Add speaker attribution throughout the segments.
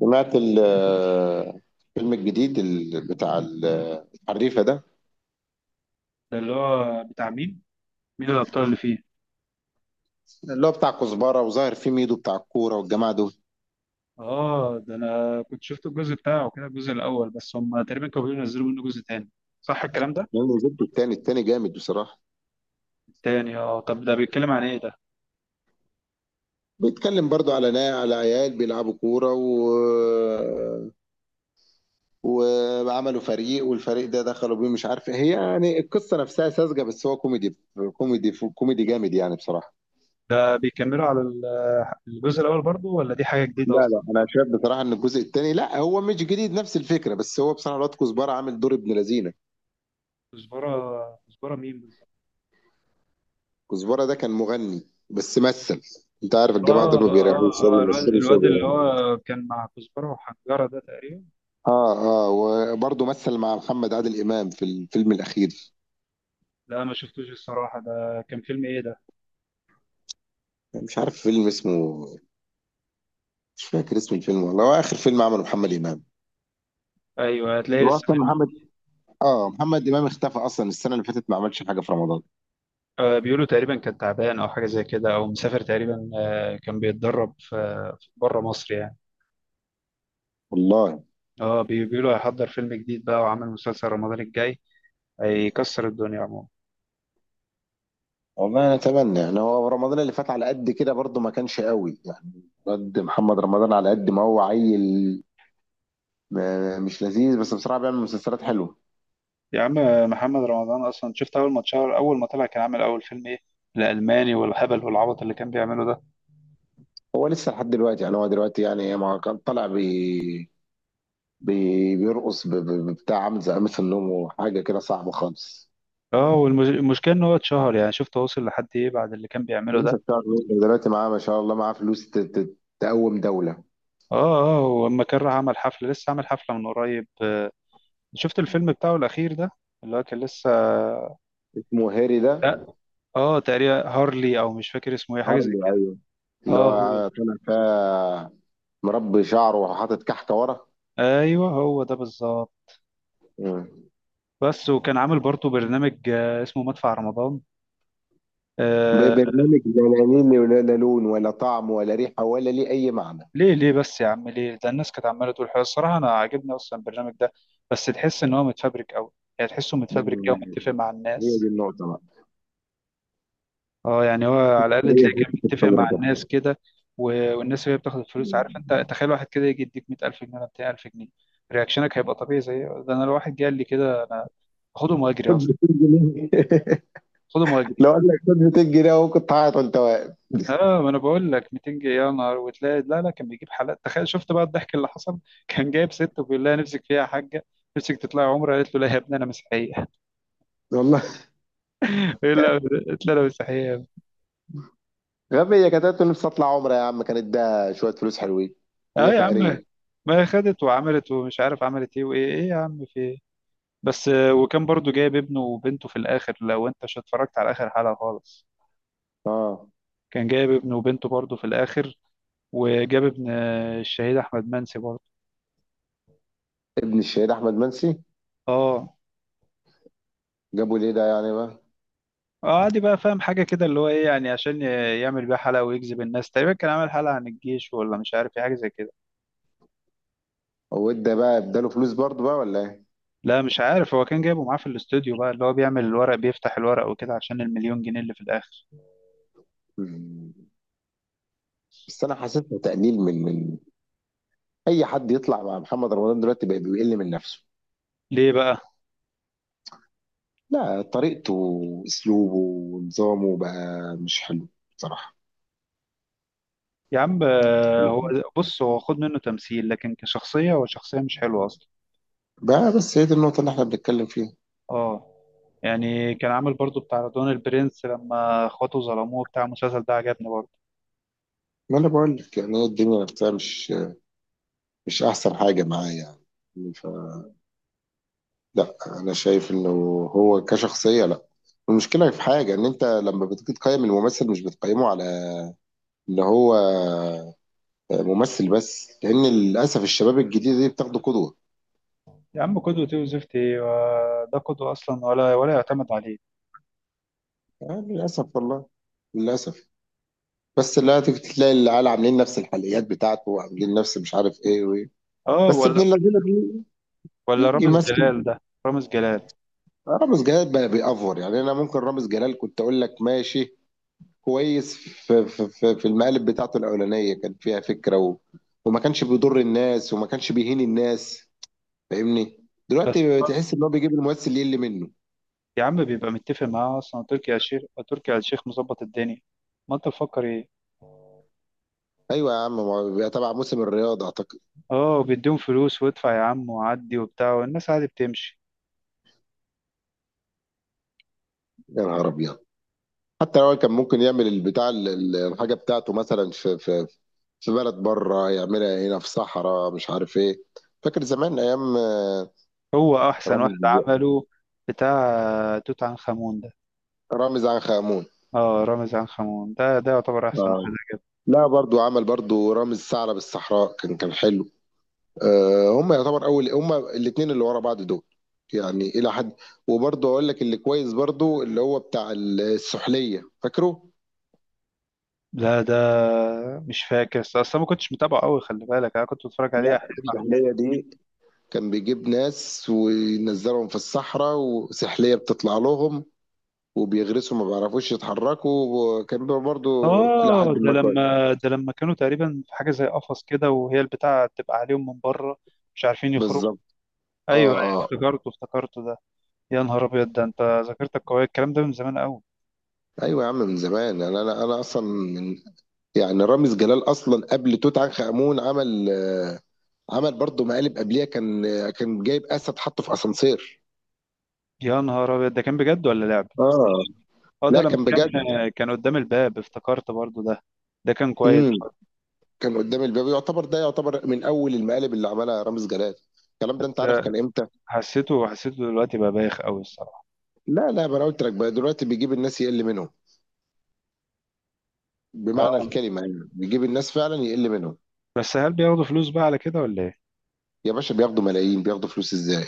Speaker 1: سمعت الفيلم الجديد بتاع الحريفة ده
Speaker 2: ده اللي هو بتاع مين؟ مين الأبطال اللي فيه؟
Speaker 1: اللي هو بتاع كزبرة وظاهر فيه ميدو بتاع الكورة والجماعة دول.
Speaker 2: آه، ده أنا كنت شفت الجزء بتاعه كده الجزء الأول، بس هم تقريبا كانوا بيقولوا ينزلوا منه جزء تاني. صح الكلام ده؟
Speaker 1: يعني نزلت التاني، التاني جامد بصراحة.
Speaker 2: تاني آه. طب ده بيتكلم عن إيه ده؟
Speaker 1: بيتكلم برضو على نا على عيال بيلعبوا كورة وعملوا فريق والفريق ده دخلوا بيه مش عارف إيه. هي يعني القصة نفسها ساذجة بس هو كوميدي، كوميدي جامد يعني بصراحة.
Speaker 2: ده بيكملوا على الجزء الأول برضو ولا دي حاجة جديدة
Speaker 1: لا
Speaker 2: أصلا؟
Speaker 1: لا انا شايف بصراحة ان الجزء التاني لا، هو مش جديد، نفس الفكرة، بس هو بصراحة الواد كزبرة عامل دور ابن لذينة.
Speaker 2: كزبرة مين بالظبط؟
Speaker 1: كزبرة ده كان مغني بس مثل. انت عارف الجماعة دول
Speaker 2: آه آه
Speaker 1: ما بيريحوش، شوية
Speaker 2: آه الواد
Speaker 1: بيمثلوا شوية
Speaker 2: الواد اللي
Speaker 1: بيغنوا.
Speaker 2: هو كان مع كزبرة وحنجرة ده تقريبا.
Speaker 1: اه. اه وبرضه مثل مع محمد عادل إمام في الفيلم الأخير.
Speaker 2: لا ما شفتوش الصراحة، ده كان فيلم إيه ده؟
Speaker 1: مش عارف فيلم اسمه، مش فاكر اسم الفيلم والله. هو آخر فيلم عمله محمد إمام.
Speaker 2: أيوه هتلاقيه
Speaker 1: هو
Speaker 2: لسه.
Speaker 1: أصلا محمد، اه محمد إمام اختفى أصلا، السنة اللي فاتت ما عملش حاجة في رمضان.
Speaker 2: بيقولوا تقريبا كان تعبان او حاجه زي كده او مسافر تقريبا، كان بيتدرب في بره مصر يعني.
Speaker 1: والله.
Speaker 2: اه بيقولوا هيحضر فيلم جديد بقى وعامل مسلسل رمضان الجاي، هيكسر الدنيا عموما.
Speaker 1: والله أنا أتمنى، يعني هو رمضان اللي فات على قد كده برضه ما كانش قوي يعني. قد محمد رمضان على قد ما هو عيل، آه، مش لذيذ، بس بصراحة بيعمل مسلسلات حلوة.
Speaker 2: يا عم محمد رمضان اصلا شفت اول ما اتشهر اول ما طلع كان عامل اول فيلم ايه، الالماني والهبل والعبط اللي كان بيعمله ده.
Speaker 1: هو لسه لحد دلوقتي يعني، هو دلوقتي يعني ما كان طالع بي بي بيرقص بتاع، عامل زي قميص النوم وحاجه كده صعبه خالص.
Speaker 2: اه والمشكله ان هو اتشهر، يعني شفت وصل لحد ايه بعد اللي كان بيعمله ده.
Speaker 1: لسه بتاع الويلز دلوقتي، معاه ما شاء الله معاه فلوس تقوم دوله.
Speaker 2: اه اه، ولما كان راح عمل حفله لسه عامل حفله من قريب. شفت الفيلم بتاعه الاخير ده اللي هو كان لسه.
Speaker 1: اسمه هاري ده؟
Speaker 2: لا، اه تقريبا هارلي او مش فاكر اسمه ايه، حاجه زي
Speaker 1: هارلي،
Speaker 2: كده.
Speaker 1: ايوه. اللي
Speaker 2: اه هو.
Speaker 1: هو طالع فيها مربي شعره وحاطط كحكه ورا.
Speaker 2: ايوه هو ده بالظبط.
Speaker 1: مم.
Speaker 2: بس وكان عامل برضه برنامج اسمه مدفع رمضان. آه.
Speaker 1: ببرنامج؟ لا، ليه؟ ولا لا لون ولا طعم ولا ريحه ولا ليه اي معنى.
Speaker 2: ليه ليه بس يا عم ليه؟ ده الناس كانت عماله تقول حلو. الصراحه انا عاجبني اصلا البرنامج ده، بس تحس ان هو متفبرك قوي. يعني تحسه
Speaker 1: ده
Speaker 2: متفبرك كده ومتفق مع
Speaker 1: هي دي
Speaker 2: الناس.
Speaker 1: النقطه بقى.
Speaker 2: اه، يعني هو على الاقل
Speaker 1: هي
Speaker 2: تلاقي كان
Speaker 1: حته
Speaker 2: متفق مع
Speaker 1: الثوره كده.
Speaker 2: الناس كده. والناس اللي هي بتاخد الفلوس، عارف انت تخيل واحد كده يجي يديك 100,000 جنيه ولا 200,000 جنيه؟ رياكشنك هيبقى طبيعي زي ده. انا لو واحد جه قال لي كده انا اخدهم واجري
Speaker 1: خد
Speaker 2: اصلا.
Speaker 1: 200 جنيه.
Speaker 2: خدوا مهاجرين.
Speaker 1: لو قال لك خد 200 جنيه اهو كنت هعيط وانت واقف.
Speaker 2: اه ما انا بقول لك 200 جنيه، يا نهار! وتلاقي لا لا كان بيجيب حالات، تخيل، شفت بقى الضحك اللي حصل. كان جايب ست وبيقول لها نفسك فيها يا حاجه، نفسك تطلعي عمره، قالت له لا يا ابني انا مسيحيه.
Speaker 1: والله.
Speaker 2: لا، قلت له انا مسيحيه!
Speaker 1: غبية، كانت قالت له نفسي اطلع عمرة يا عم، كانت ده شوية فلوس حلوين.
Speaker 2: اه
Speaker 1: هي
Speaker 2: يا عم،
Speaker 1: فقرية.
Speaker 2: ما هي خدت وعملت ومش عارف عملت ايه وايه ايه يا عم في ايه. بس، وكان برضو جايب ابنه وبنته في الاخر لو انت مش اتفرجت على اخر حلقه خالص.
Speaker 1: اه.
Speaker 2: كان جايب ابنه وبنته برضو في الاخر، وجاب ابن الشهيد احمد منسي برضو.
Speaker 1: ابن الشهيد احمد منسي؟
Speaker 2: اه
Speaker 1: جابوا ليه ده يعني بقى؟
Speaker 2: عادي بقى، فاهم حاجة كده اللي هو ايه يعني عشان يعمل بيها حلقة ويجذب الناس. تقريبا كان عامل حلقة عن الجيش ولا مش عارف ايه، حاجة زي كده.
Speaker 1: هو ادى بقى، اداله فلوس برضه بقى ولا ايه؟
Speaker 2: لا مش عارف، هو كان جايبه معاه في الاستوديو بقى، اللي هو بيعمل الورق بيفتح الورق وكده عشان المليون جنيه اللي في الآخر.
Speaker 1: مم. بس انا حسيتها تقليل من، اي حد يطلع مع محمد رمضان دلوقتي بقى بيقل من نفسه.
Speaker 2: ليه بقى؟
Speaker 1: لا، طريقته واسلوبه ونظامه بقى مش حلو بصراحة.
Speaker 2: يا عم هو بص، هو خد منه تمثيل لكن كشخصية هو شخصية مش حلوة أصلا.
Speaker 1: بقى بس هي دي النقطة اللي احنا بنتكلم فيها.
Speaker 2: اه، يعني كان عامل برضو بتاع رضوان البرنس لما اخواته ظلموه، بتاع المسلسل ده عجبني برضه.
Speaker 1: ما انا بقول لك يعني، هي الدنيا نفسها مش مش احسن حاجه معاه يعني. ف لا انا شايف انه هو كشخصيه لا. المشكله في حاجه، ان انت لما بتيجي تقيم الممثل مش بتقيمه على ان هو ممثل بس، لان للاسف الشباب الجديده دي بتاخده قدوه.
Speaker 2: يا عم قدوة ايه وزفت ايه ده قدوة أصلا ولا ولا يعتمد عليه.
Speaker 1: يعني للاسف والله، للاسف. بس لا، تيجي تلاقي العيال عاملين نفس الحلقيات بتاعته وعاملين نفس مش عارف ايه وايه.
Speaker 2: اه،
Speaker 1: بس ابن
Speaker 2: ولا
Speaker 1: اللذينه
Speaker 2: ولا
Speaker 1: بيجي
Speaker 2: رامز
Speaker 1: يمثل.
Speaker 2: جلال ده، رامز جلال.
Speaker 1: رامز جلال بقى بيأفور يعني. انا ممكن رامز جلال كنت اقول لك ماشي، كويس في المقالب بتاعته الاولانيه كان فيها فكره و... وما كانش بيضر الناس وما كانش بيهين الناس، فاهمني؟
Speaker 2: بس
Speaker 1: دلوقتي تحس ان هو بيجيب الممثل يقل منه.
Speaker 2: يا عم بيبقى متفق معاه اصلا تركي آل الشيخ، تركي آل الشيخ مظبط الدنيا، ما انت مفكر ايه.
Speaker 1: ايوه يا عم، ما هو بيبقى تبع موسم الرياضه اعتقد.
Speaker 2: اه بيديهم فلوس وادفع يا عم وعدي وبتاع، والناس عادي بتمشي.
Speaker 1: يا نهار ابيض. حتى لو كان ممكن يعمل البتاع الحاجه بتاعته مثلا في في بلد بره، يعملها هنا في صحراء مش عارف ايه. فاكر زمان ايام آه،
Speaker 2: هو احسن
Speaker 1: رامز،
Speaker 2: واحد عمله بتاع توت عنخ امون ده.
Speaker 1: رامز عنخ آمون.
Speaker 2: اه، رامز عنخ امون ده، ده يعتبر احسن
Speaker 1: آه.
Speaker 2: واحد عجبني.
Speaker 1: لا، برضو عمل برضو رامز ثعلب الصحراء، كان كان حلو. آه، هم يعتبر اول، هم الاثنين اللي ورا بعض دول يعني الى حد. وبرضه اقول لك اللي كويس برضه، اللي هو بتاع السحليه، فاكره؟
Speaker 2: لا ده مش فاكر، أصل أنا ما كنتش متابعه قوي، خلي بالك انا كنت بتفرج عليه
Speaker 1: لا،
Speaker 2: احيانا.
Speaker 1: السحلية دي كان بيجيب ناس وينزلهم في الصحراء وسحليه بتطلع لهم وبيغرسوا ما بيعرفوش يتحركوا، وكان بيبقى برضه الى
Speaker 2: اه
Speaker 1: حد
Speaker 2: ده
Speaker 1: ما كويس.
Speaker 2: لما، ده لما كانوا تقريبا في حاجه زي قفص كده وهي البتاعه تبقى عليهم من بره، مش عارفين يخرجوا.
Speaker 1: بالظبط. اه.
Speaker 2: ايوه،
Speaker 1: اه.
Speaker 2: افتكرته ده. يا نهار ابيض، ده انت ذاكرتك قويه، الكلام ده من زمان قوي.
Speaker 1: ايوه يا عم من زمان. انا انا انا اصلا من، يعني رامز جلال اصلا قبل توت عنخ امون عمل آه، عمل برضه مقالب قبليها، كان كان جايب اسد حطه في اسانسير.
Speaker 2: يا نهار ابيض، ده كان بجد ولا لعب؟
Speaker 1: اه.
Speaker 2: اه ده
Speaker 1: لا
Speaker 2: لما
Speaker 1: كان
Speaker 2: كان،
Speaker 1: بجد.
Speaker 2: كان قدام الباب، افتكرت برضو ده، ده كان كويس
Speaker 1: امم.
Speaker 2: برضو.
Speaker 1: كان قدام الباب يعتبر، ده يعتبر من اول المقالب اللي عملها رامز جلال. الكلام ده انت
Speaker 2: بس
Speaker 1: عارف كان امتى؟
Speaker 2: حسيته، حسيته دلوقتي بقى بايخ قوي الصراحه.
Speaker 1: لا، ما انا قلت لك بقى دلوقتي بيجيب الناس يقل منهم، بمعنى
Speaker 2: اه،
Speaker 1: الكلمه يعني بيجيب الناس فعلا يقل منهم.
Speaker 2: بس هل بياخدوا فلوس بقى على كده ولا ايه؟
Speaker 1: يا باشا بياخدوا ملايين، بياخدوا فلوس ازاي؟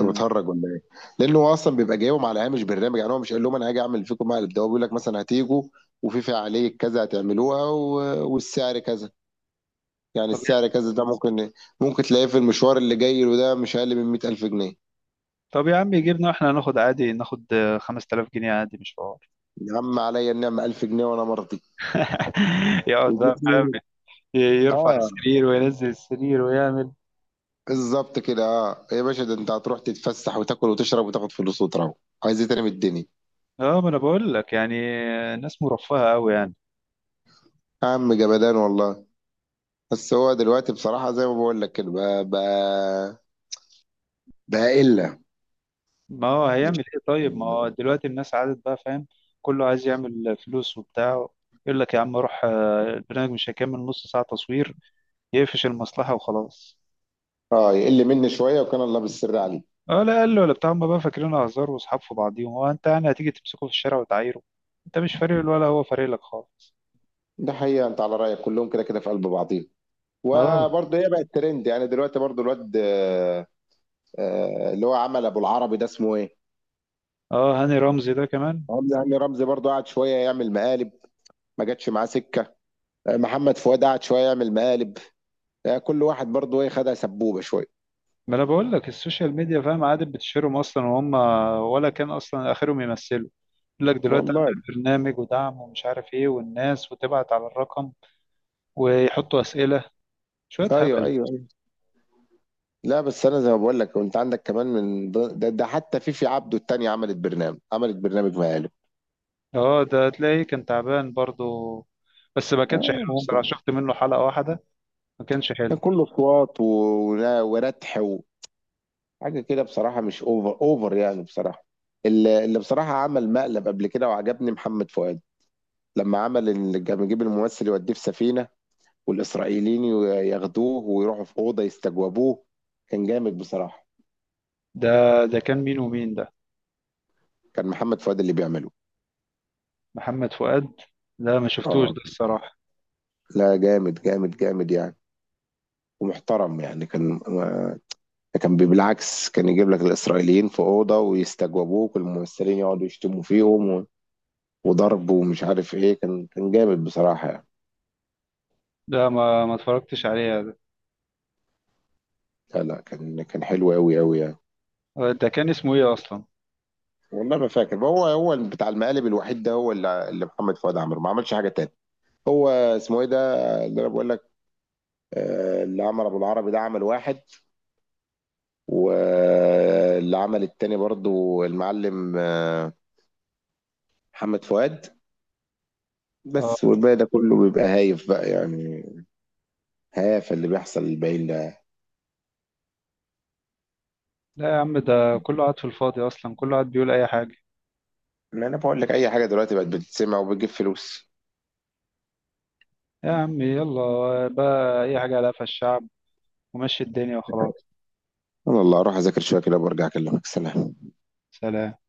Speaker 1: انت بتهرج ولا ايه؟ لانه هو اصلا بيبقى جايبهم على هامش برنامج، يعني هو مش قال لهم انا هاجي اعمل فيكم مقلب، ده هو بيقول لك مثلا هتيجوا وفي فعاليه كذا هتعملوها و... والسعر كذا، يعني
Speaker 2: طب
Speaker 1: السعر كذا ده ممكن ممكن تلاقيه في المشوار اللي جاي له ده مش اقل من 100000 جنيه.
Speaker 2: طب يا عم يجيبنا واحنا هناخد عادي، ناخد 5000 جنيه عادي مش حوار.
Speaker 1: يا عم عليا النعمه 1000 جنيه وانا مرضي.
Speaker 2: يقعد
Speaker 1: يجيب
Speaker 2: بقى فاهم،
Speaker 1: لي
Speaker 2: يرفع
Speaker 1: اه.
Speaker 2: السرير وينزل السرير ويعمل.
Speaker 1: بالظبط كده. اه يا باشا، ده انت هتروح تتفسح وتاكل وتشرب وتاخد فلوس وتروح، عايز ايه تاني من الدنيا؟
Speaker 2: اه ما انا بقول لك يعني الناس مرفهة قوي يعني.
Speaker 1: يا عم جمدان والله. بس هو دلوقتي بصراحه زي ما بقول لك كده بقى الا.
Speaker 2: ما هو هيعمل ايه طيب؟ ما هو دلوقتي الناس عادت بقى فاهم، كله عايز يعمل فلوس وبتاع. يقول لك يا عم روح، البرنامج مش هيكمل نص ساعة تصوير، يقفش المصلحة وخلاص.
Speaker 1: اه يقل مني شويه، وكان الله بالسر عليه.
Speaker 2: اه لا قال له ولا بتاع، هم بقى فاكرين هزار واصحاب في بعضيهم. هو انت يعني هتيجي تمسكه في الشارع وتعايره؟ انت مش فارق له ولا هو فارق لك خالص.
Speaker 1: ده حقيقه، انت على رايك كلهم كده كده في قلب بعضيهم.
Speaker 2: اه
Speaker 1: وبرضه هي بقت ترند يعني دلوقتي برضه الواد، آه، اللي هو عمل ابو العربي ده اسمه ايه؟
Speaker 2: اه هاني رمزي ده كمان.
Speaker 1: رمزي، هاني رمزي برضه قعد شويه يعمل مقالب، ما جاتش معاه سكه. آه، محمد فؤاد قعد شويه يعمل مقالب. آه، كل واحد برضه ايه، خدها سبوبه شويه.
Speaker 2: ما انا بقول لك، السوشيال ميديا فاهم عادي بتشهرهم اصلا، وهم ولا كان اصلا اخرهم يمثلوا. يقول لك دلوقتي
Speaker 1: والله.
Speaker 2: اعمل برنامج ودعم ومش عارف ايه والناس، وتبعت على الرقم ويحطوا اسئله، شويه
Speaker 1: ايوه ايوه
Speaker 2: هبل.
Speaker 1: ايوه. لا بس انا زي ما بقول لك، انت عندك كمان من ده حتى فيفي عبده التانية عملت برنامج مقالب.
Speaker 2: اه ده تلاقيه كان تعبان برضو، بس ما كانش حلو
Speaker 1: اه
Speaker 2: الصراحه، شفت منه حلقه واحده ما كانش
Speaker 1: كان
Speaker 2: حلو.
Speaker 1: كله اصوات و... وردح وحاجه كده بصراحه، مش اوفر اوفر يعني بصراحه. اللي بصراحه عمل مقلب قبل كده وعجبني محمد فؤاد، لما عمل كان بيجيب الممثل يوديه في سفينة والإسرائيليين ياخدوه ويروحوا في أوضة يستجوبوه، كان جامد بصراحة.
Speaker 2: ده، ده كان مين ومين ده؟
Speaker 1: كان محمد فؤاد اللي بيعمله.
Speaker 2: محمد فؤاد. لا ما شفتوش
Speaker 1: اه.
Speaker 2: ده الصراحه.
Speaker 1: لا، جامد جامد جامد يعني، ومحترم يعني. كان كان بالعكس، كان يجيب لك الإسرائيليين في أوضة ويستجوبوك والممثلين يقعدوا يشتموا فيهم وضرب ومش عارف إيه، كان كان جامد بصراحة يعني.
Speaker 2: لا ما ما اتفرجتش عليه ده.
Speaker 1: لا، كان كان حلو أوي أوي يعني.
Speaker 2: ده كان اسمه ايه اصلا؟
Speaker 1: والله ما فاكر. هو هو بتاع المقالب الوحيد ده، هو اللي محمد فؤاد عمله، ما عملش حاجة تاني. هو اسمه ايه ده اللي انا بقول لك؟ آه، اللي عمل ابو العربي ده عمل واحد، واللي عمل التاني برضو المعلم آه، محمد فؤاد. بس
Speaker 2: اه
Speaker 1: والباقي ده كله بيبقى هايف بقى يعني، هايف اللي بيحصل للباقيين ده.
Speaker 2: لا يا عم، ده كله قاعد في الفاضي اصلا، كله قاعد بيقول اي حاجه.
Speaker 1: ما انا بقول لك اي حاجه دلوقتي بقت بتتسمع وبتجيب فلوس.
Speaker 2: يا عم يلا بقى، اي حاجة على قفا الشعب، ومشي الدنيا وخلاص.
Speaker 1: انا الله اروح اذاكر شويه كده وبرجع اكلمك. سلام.
Speaker 2: سلام.